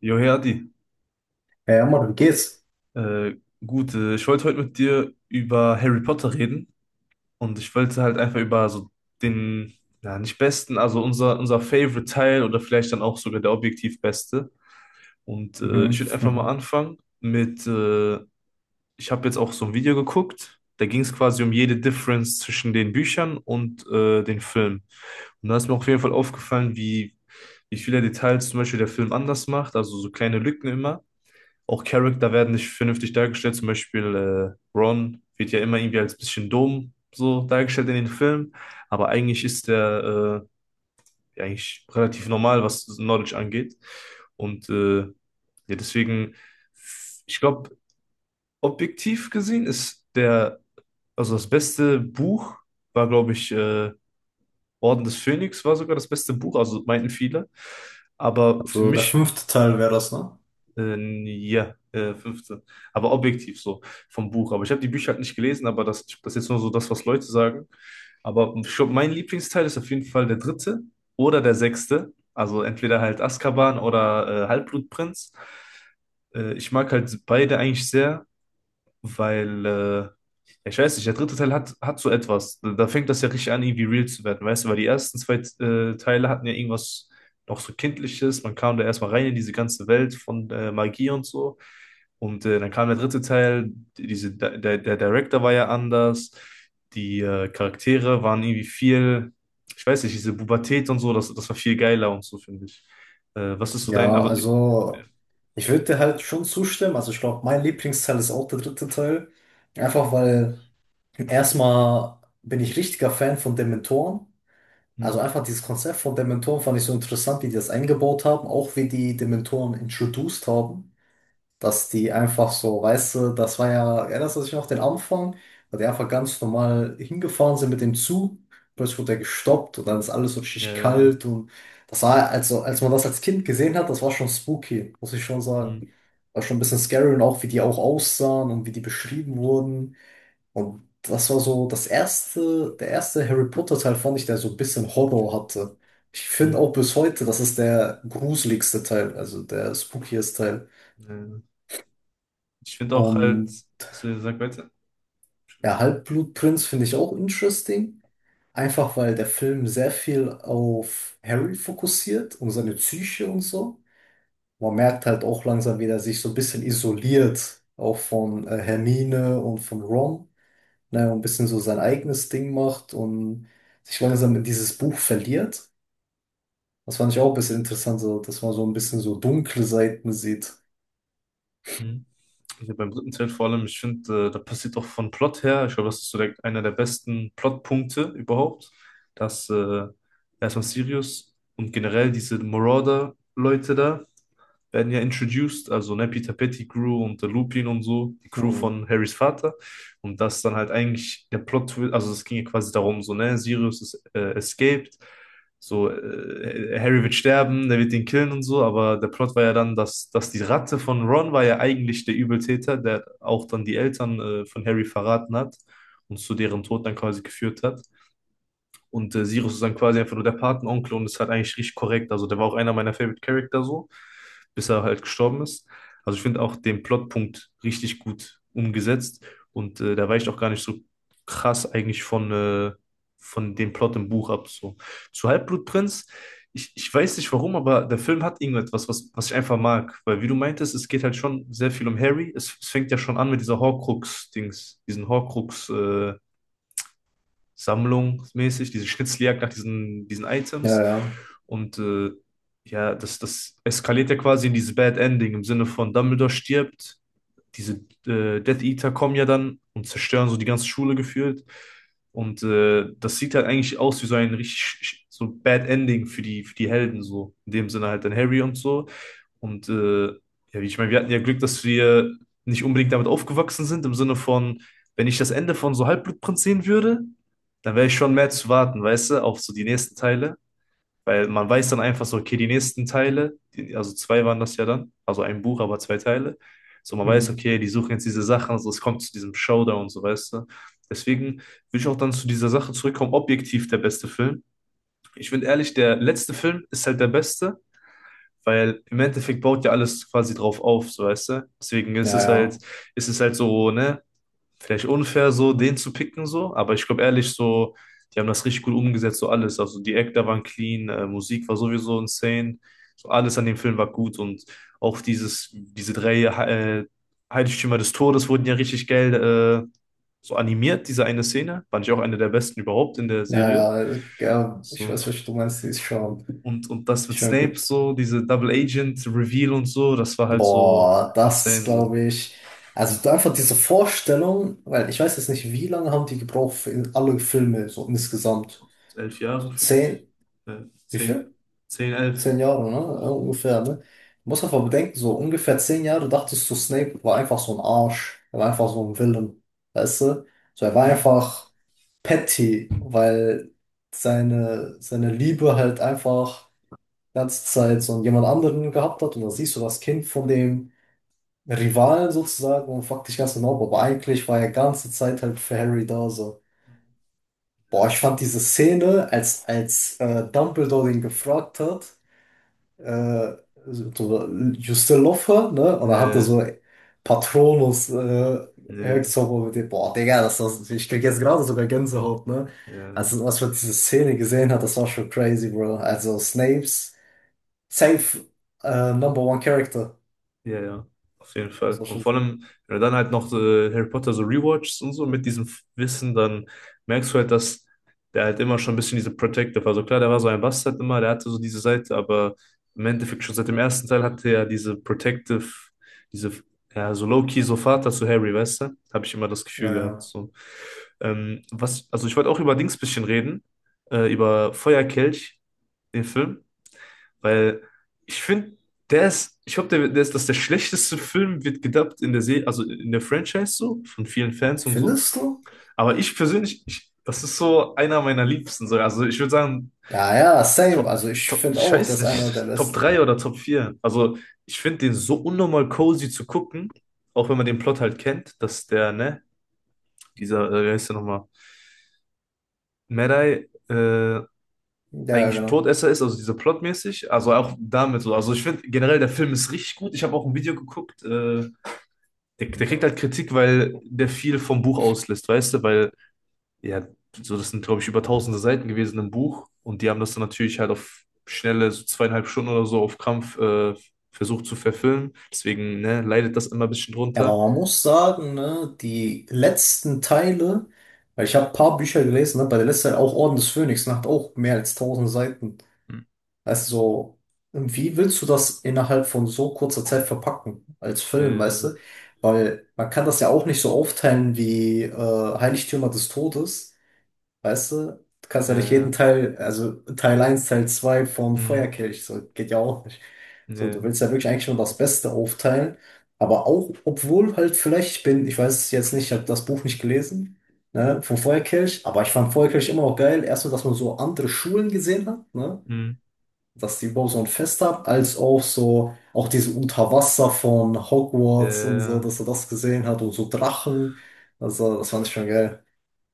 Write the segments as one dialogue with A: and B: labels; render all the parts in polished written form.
A: Jo, hey.
B: Ja, ja, Mann, wie geht's?
A: Äh, gut, Ich wollte heute mit dir über Harry Potter reden, und ich wollte halt einfach über so den, ja, nicht besten, also unser Favorite Teil oder vielleicht dann auch sogar der objektiv beste. Und
B: Mhm.
A: ich würde einfach mal
B: Mhm.
A: anfangen mit. Ich habe jetzt auch so ein Video geguckt, da ging es quasi um jede Difference zwischen den Büchern und den Filmen. Und da ist mir auf jeden Fall aufgefallen, wie viele Details zum Beispiel der Film anders macht, also so kleine Lücken immer. Auch Charakter werden nicht vernünftig dargestellt. Zum Beispiel Ron wird ja immer irgendwie als bisschen dumm so dargestellt in den Filmen, aber eigentlich ist der ja, eigentlich relativ normal, was Knowledge angeht. Und ja, deswegen, ich glaube, objektiv gesehen ist der, also das beste Buch war, glaube ich, Orden des Phönix war sogar das beste Buch, also meinten viele. Aber für
B: Also der
A: mich.
B: fünfte Teil wäre das, ne?
A: Äh, ja, 15. Aber objektiv so vom Buch. Aber ich habe die Bücher halt nicht gelesen, aber das ist jetzt nur so das, was Leute sagen. Aber ich glaub, mein Lieblingsteil ist auf jeden Fall der dritte oder der sechste. Also entweder halt Azkaban oder Halbblutprinz. Ich mag halt beide eigentlich sehr, weil, ja, ich weiß nicht, der dritte Teil hat so etwas. Da fängt das ja richtig an, irgendwie real zu werden, weißt du, weil die ersten zwei Teile hatten ja irgendwas noch so Kindliches. Man kam da erstmal rein in diese ganze Welt von Magie und so. Und dann kam der dritte Teil, der Director war ja anders, die Charaktere waren irgendwie viel, ich weiß nicht, diese Pubertät und so, das war viel geiler und so, finde ich. Was ist so dein,
B: Ja,
A: also...
B: also ich würde dir halt schon zustimmen. Also ich glaube, mein Lieblingsteil ist auch der dritte Teil. Einfach weil erstmal bin ich richtiger Fan von Dementoren. Also
A: Hm.
B: einfach dieses Konzept von Dementoren fand ich so interessant, wie die das eingebaut haben, auch wie die Dementoren introduced haben, dass die einfach so, weißt du, das war ja, erinnerst du dich noch den Anfang, weil die einfach ganz normal hingefahren sind mit dem Zug, plötzlich wurde er gestoppt und dann ist alles so richtig
A: äh,
B: kalt und das war, also als man das als Kind gesehen hat, das war schon spooky, muss ich schon
A: hm.
B: sagen. War schon ein bisschen scary und auch wie die auch aussahen und wie die beschrieben wurden und das war so das erste, der erste Harry Potter Teil fand ich, der so ein bisschen Horror hatte. Ich finde
A: Hm.
B: auch bis heute, das ist der gruseligste Teil, also der spookieste Teil.
A: äh, Ich finde auch halt,
B: Und
A: also sag weiter.
B: Der Halbblutprinz finde ich auch interesting. Einfach weil der Film sehr viel auf Harry fokussiert und seine Psyche und so. Man merkt halt auch langsam, wie er sich so ein bisschen isoliert, auch von Hermine und von Ron, ne, und ein bisschen so sein eigenes Ding macht und sich langsam in dieses Buch verliert. Das fand ich auch ein bisschen interessant, so, dass man so ein bisschen so dunkle Seiten sieht.
A: Hm. Also beim dritten Teil vor allem, ich finde, da passiert auch von Plot her, ich glaube, das ist so der, einer der besten Plotpunkte überhaupt, dass erstmal Sirius und generell diese Marauder-Leute da, werden ja introduced, also ne, Peter Pettigrew und der Lupin und so, die Crew
B: Hm.
A: von Harrys Vater. Und das dann halt eigentlich der Plot, also es ging ja quasi darum, so, ne, Sirius ist escaped, so, Harry wird sterben, der wird ihn killen und so, aber der Plot war ja dann, dass die Ratte von Ron war ja eigentlich der Übeltäter, der auch dann die Eltern von Harry verraten hat und zu deren Tod dann quasi geführt hat. Und Sirius ist dann quasi einfach nur der Patenonkel und ist halt eigentlich richtig korrekt. Also der war auch einer meiner Favorite Character so, bis er halt gestorben ist. Also ich finde auch den Plotpunkt richtig gut umgesetzt, und der weicht auch gar nicht so krass eigentlich von dem Plot im Buch ab. So. Zu Halbblutprinz, ich weiß nicht warum, aber der Film hat irgendetwas, was ich einfach mag. Weil wie du meintest, es geht halt schon sehr viel um Harry. Es fängt ja schon an mit dieser Horcrux-Dings, sammlungsmäßig, diese Schnitzeljagd nach diesen Items.
B: Ja, ja.
A: Und ja, das eskaliert ja quasi in dieses Bad Ending im Sinne von Dumbledore stirbt, diese Death Eater kommen ja dann und zerstören so die ganze Schule gefühlt. Und das sieht halt eigentlich aus wie so ein richtig so Bad Ending für die Helden, so. In dem Sinne halt dann Harry und so. Und ja, wie ich meine, wir hatten ja Glück, dass wir nicht unbedingt damit aufgewachsen sind, im Sinne von, wenn ich das Ende von so Halbblutprinz sehen würde, dann wäre ich schon mehr zu warten, weißt du, auf so die nächsten Teile. Weil man weiß dann einfach so, okay, die nächsten Teile, die, also zwei waren das ja dann, also ein Buch, aber zwei Teile. So, man weiß,
B: Hm.
A: okay, die suchen jetzt diese Sachen, also es kommt zu diesem Showdown und so, weißt du. Deswegen will ich auch dann zu dieser Sache zurückkommen, objektiv der beste Film. Ich finde ehrlich, der letzte Film ist halt der beste, weil im Endeffekt baut ja alles quasi drauf auf, so, weißt du. Deswegen
B: Ja, ja.
A: ist es halt so, ne, vielleicht unfair, so den zu picken, so. Aber ich glaube ehrlich, so, die haben das richtig gut umgesetzt, so alles. Also die Actor waren clean, Musik war sowieso insane. So alles an dem Film war gut, und auch diese drei Heiligtümer des Todes wurden ja richtig geil so animiert, diese eine Szene. Fand ich auch eine der besten überhaupt in der Serie.
B: Ja, ja, ja, ich
A: So.
B: weiß, was du meinst, die ist schon,
A: Und das mit
B: schon
A: Snape
B: gut.
A: so, diese Double Agent Reveal und so, das war halt so
B: Boah, das ist,
A: insane so.
B: glaube ich, also da einfach diese Vorstellung, weil ich weiß jetzt nicht, wie lange haben die gebraucht für in alle Filme, so insgesamt.
A: Elf Jahre
B: So
A: vielleicht.
B: zehn,
A: Äh,
B: wie
A: zehn.
B: viel?
A: Zehn, elf.
B: 10 Jahre, ne? Ja, ungefähr, ne? Du musst einfach bedenken, so ungefähr 10 Jahre dachtest du, Snape war einfach so ein Arsch. Er war einfach so ein Villain, weißt du? So, er war
A: Hm.
B: einfach petty, weil seine Liebe halt einfach die ganze Zeit so jemand anderen gehabt hat und dann siehst du das Kind von dem Rivalen sozusagen und fragte ich ganz genau, aber eigentlich war er ganze Zeit halt für Harry da so. Boah,
A: Ja,
B: ich fand diese Szene, als Dumbledore ihn gefragt hat, äh, so, you still love her, ne? Und dann hatte
A: ja,
B: so Patronus
A: ja,
B: Hexzauber mit dem, boah, Digga, das, ich krieg jetzt gerade sogar Gänsehaut, ne?
A: ja,
B: Also, was man diese Szene gesehen hat, das war schon crazy, bro. Also, Snapes, safe, number one Character,
A: ja, ja, auf jeden
B: muss
A: Fall.
B: man
A: Und
B: schon
A: vor
B: sagen.
A: allem, wenn du dann halt noch so Harry Potter so rewatchst und so mit diesem Wissen, dann merkst du halt, dass der halt immer schon ein bisschen diese Protective war. Also klar, der war so ein Bastard immer, der hatte so diese Seite, aber im Endeffekt schon seit dem ersten Teil hatte er diese Protective, diese, ja, so low-key, so Vater zu Harry, weißt du? Habe ich immer das Gefühl
B: Ja,
A: gehabt,
B: ja.
A: so. Also ich wollte auch über Dings bisschen reden, über Feuerkelch, den Film. Weil ich finde, der ist, ich glaube, der ist, dass der schlechteste Film wird gedubbt in der Serie, also in der Franchise so, von vielen Fans und so.
B: Findest du?
A: Aber ich persönlich, ich, das ist so einer meiner Liebsten. So. Also ich würde sagen,
B: Ja, ja, same. Also ich
A: Top,
B: finde
A: ich
B: auch,
A: weiß
B: das ist einer der
A: nicht, Top
B: besten.
A: 3 oder Top vier. Also ich finde den so unnormal cozy zu gucken, auch wenn man den Plot halt kennt, dass der, ne, dieser, wie heißt der nochmal, Medai,
B: Ja, genau. Ja,
A: eigentlich ein
B: genau.
A: Todesser ist, also dieser plotmäßig, also auch damit so. Also ich finde generell, der Film ist richtig gut. Ich habe auch ein Video geguckt, der kriegt halt Kritik, weil der viel vom Buch auslässt, weißt du, weil, ja, so das sind, glaube ich, über tausende Seiten gewesen im Buch, und die haben das dann natürlich halt auf schnelle, so zweieinhalb Stunden oder so auf Krampf versucht zu verfilmen. Deswegen, ne, leidet das immer ein bisschen
B: Aber
A: drunter.
B: man muss sagen, ne, die letzten Teile, weil ich habe ein paar Bücher gelesen, ne, bei der letzten Teil auch Orden des Phönix, ne, hat auch mehr als 1.000 Seiten.
A: Hm.
B: Weißt du, so, wie willst du das innerhalb von so kurzer Zeit verpacken als Film, weißt
A: Äh,
B: du? Weil man kann das ja auch nicht so aufteilen wie Heiligtümer des Todes. Weißt du, du kannst ja nicht
A: äh,
B: jeden Teil, also Teil eins Teil 2 vom
A: Mh.
B: Feuerkelch, so geht ja auch nicht. So, du
A: Ne.
B: willst ja wirklich eigentlich nur das Beste aufteilen, aber auch, obwohl halt vielleicht, ich bin, ich weiß es jetzt nicht, ich habe das Buch nicht gelesen, ne, vom Feuerkelch, aber ich fand Feuerkelch immer auch geil, erst nur, dass man so andere Schulen gesehen hat, ne,
A: Mh.
B: dass die überhaupt so ein Fest haben, als auch so, auch diese Unterwasser von Hogwarts und so,
A: äh.
B: dass er das gesehen hat und so Drachen, also das fand ich schon geil.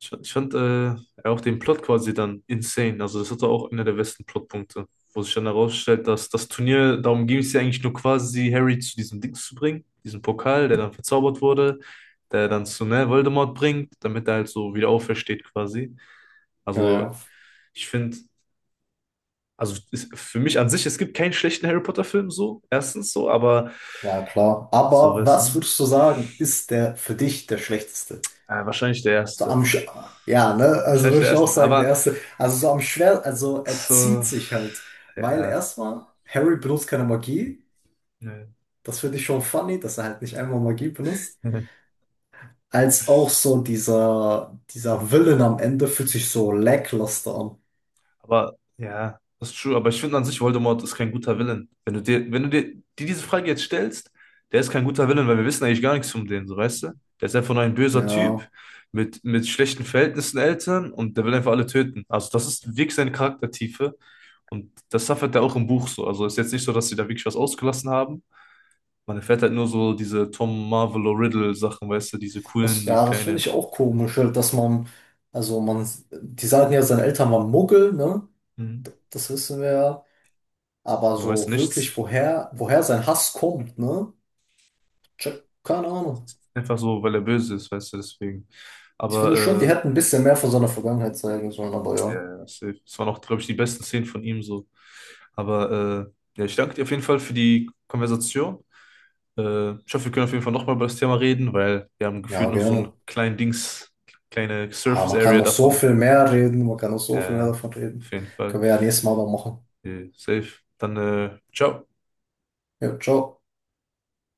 A: Ich fand auch den Plot quasi dann insane. Also das hatte auch einer der besten Plotpunkte, wo sich dann herausstellt, dass das Turnier, darum ging es ja eigentlich nur quasi, Harry zu diesem Dings zu bringen, diesem Pokal, der dann verzaubert wurde, der dann zu, ne, Voldemort bringt, damit er halt so wieder aufersteht quasi.
B: Ja, ja.
A: Also ich finde, für mich an sich, es gibt keinen schlechten Harry Potter-Film so, erstens so, aber
B: Ja, klar.
A: so,
B: Aber
A: weißt
B: was
A: du,
B: würdest du sagen, ist der für dich der schlechteste?
A: ja, wahrscheinlich der
B: So
A: erste.
B: am Sch Ja, ne? Also
A: Wahrscheinlich
B: würde
A: der
B: ich auch
A: erste,
B: sagen, der
A: aber
B: erste. Also so am schwer, also er
A: so,
B: zieht sich halt, weil
A: ja,
B: erstmal Harry benutzt keine Magie.
A: ne.
B: Das finde ich schon funny, dass er halt nicht einmal Magie benutzt. Als auch so dieser Villain am Ende fühlt sich so lackluster an.
A: Aber ja, das ist true. Aber ich finde an sich, Voldemort ist kein guter Villain. Wenn du dir diese Frage jetzt stellst, der ist kein guter Villain, weil wir wissen eigentlich gar nichts von dem, so weißt du? Der ist einfach nur ein böser Typ
B: Ja,
A: mit schlechten Verhältnissen Eltern, und der will einfach alle töten. Also das ist wirklich seine Charaktertiefe, und das suffert er auch im Buch so. Also ist jetzt nicht so, dass sie da wirklich was ausgelassen haben. Man erfährt halt nur so diese Tom Marvolo Riddle Sachen, weißt du, diese
B: das
A: coolen, so
B: ja, das finde
A: kleine.
B: ich auch komisch, halt, dass man also man die sagen ja, seine Eltern waren Muggel, ne?
A: Mhm.
B: Das wissen wir ja. Aber
A: Man weiß
B: so wirklich,
A: nichts.
B: woher sein Hass kommt, ne? Check, keine Ahnung.
A: Einfach so, weil er böse ist, weißt du, deswegen.
B: Ich finde schon, die
A: Aber
B: hätten ein bisschen mehr von seiner Vergangenheit zeigen sollen, aber ja.
A: ja, ja, safe. Das waren auch, glaube ich, die besten Szenen von ihm so. Aber ja, ich danke dir auf jeden Fall für die Konversation. Ich hoffe, wir können auf jeden Fall nochmal über das Thema reden, weil wir haben gefühlt
B: Ja,
A: nur so ein
B: gerne.
A: kleinen Dings, kleine
B: Ja,
A: Surface
B: man kann
A: Area
B: noch so
A: davon.
B: viel mehr reden, man kann noch so
A: Ja,
B: viel mehr
A: ja,
B: davon
A: auf
B: reden.
A: jeden Fall.
B: Können wir ja nächstes Mal noch machen.
A: Safe. Dann, ciao.
B: Ja, ciao.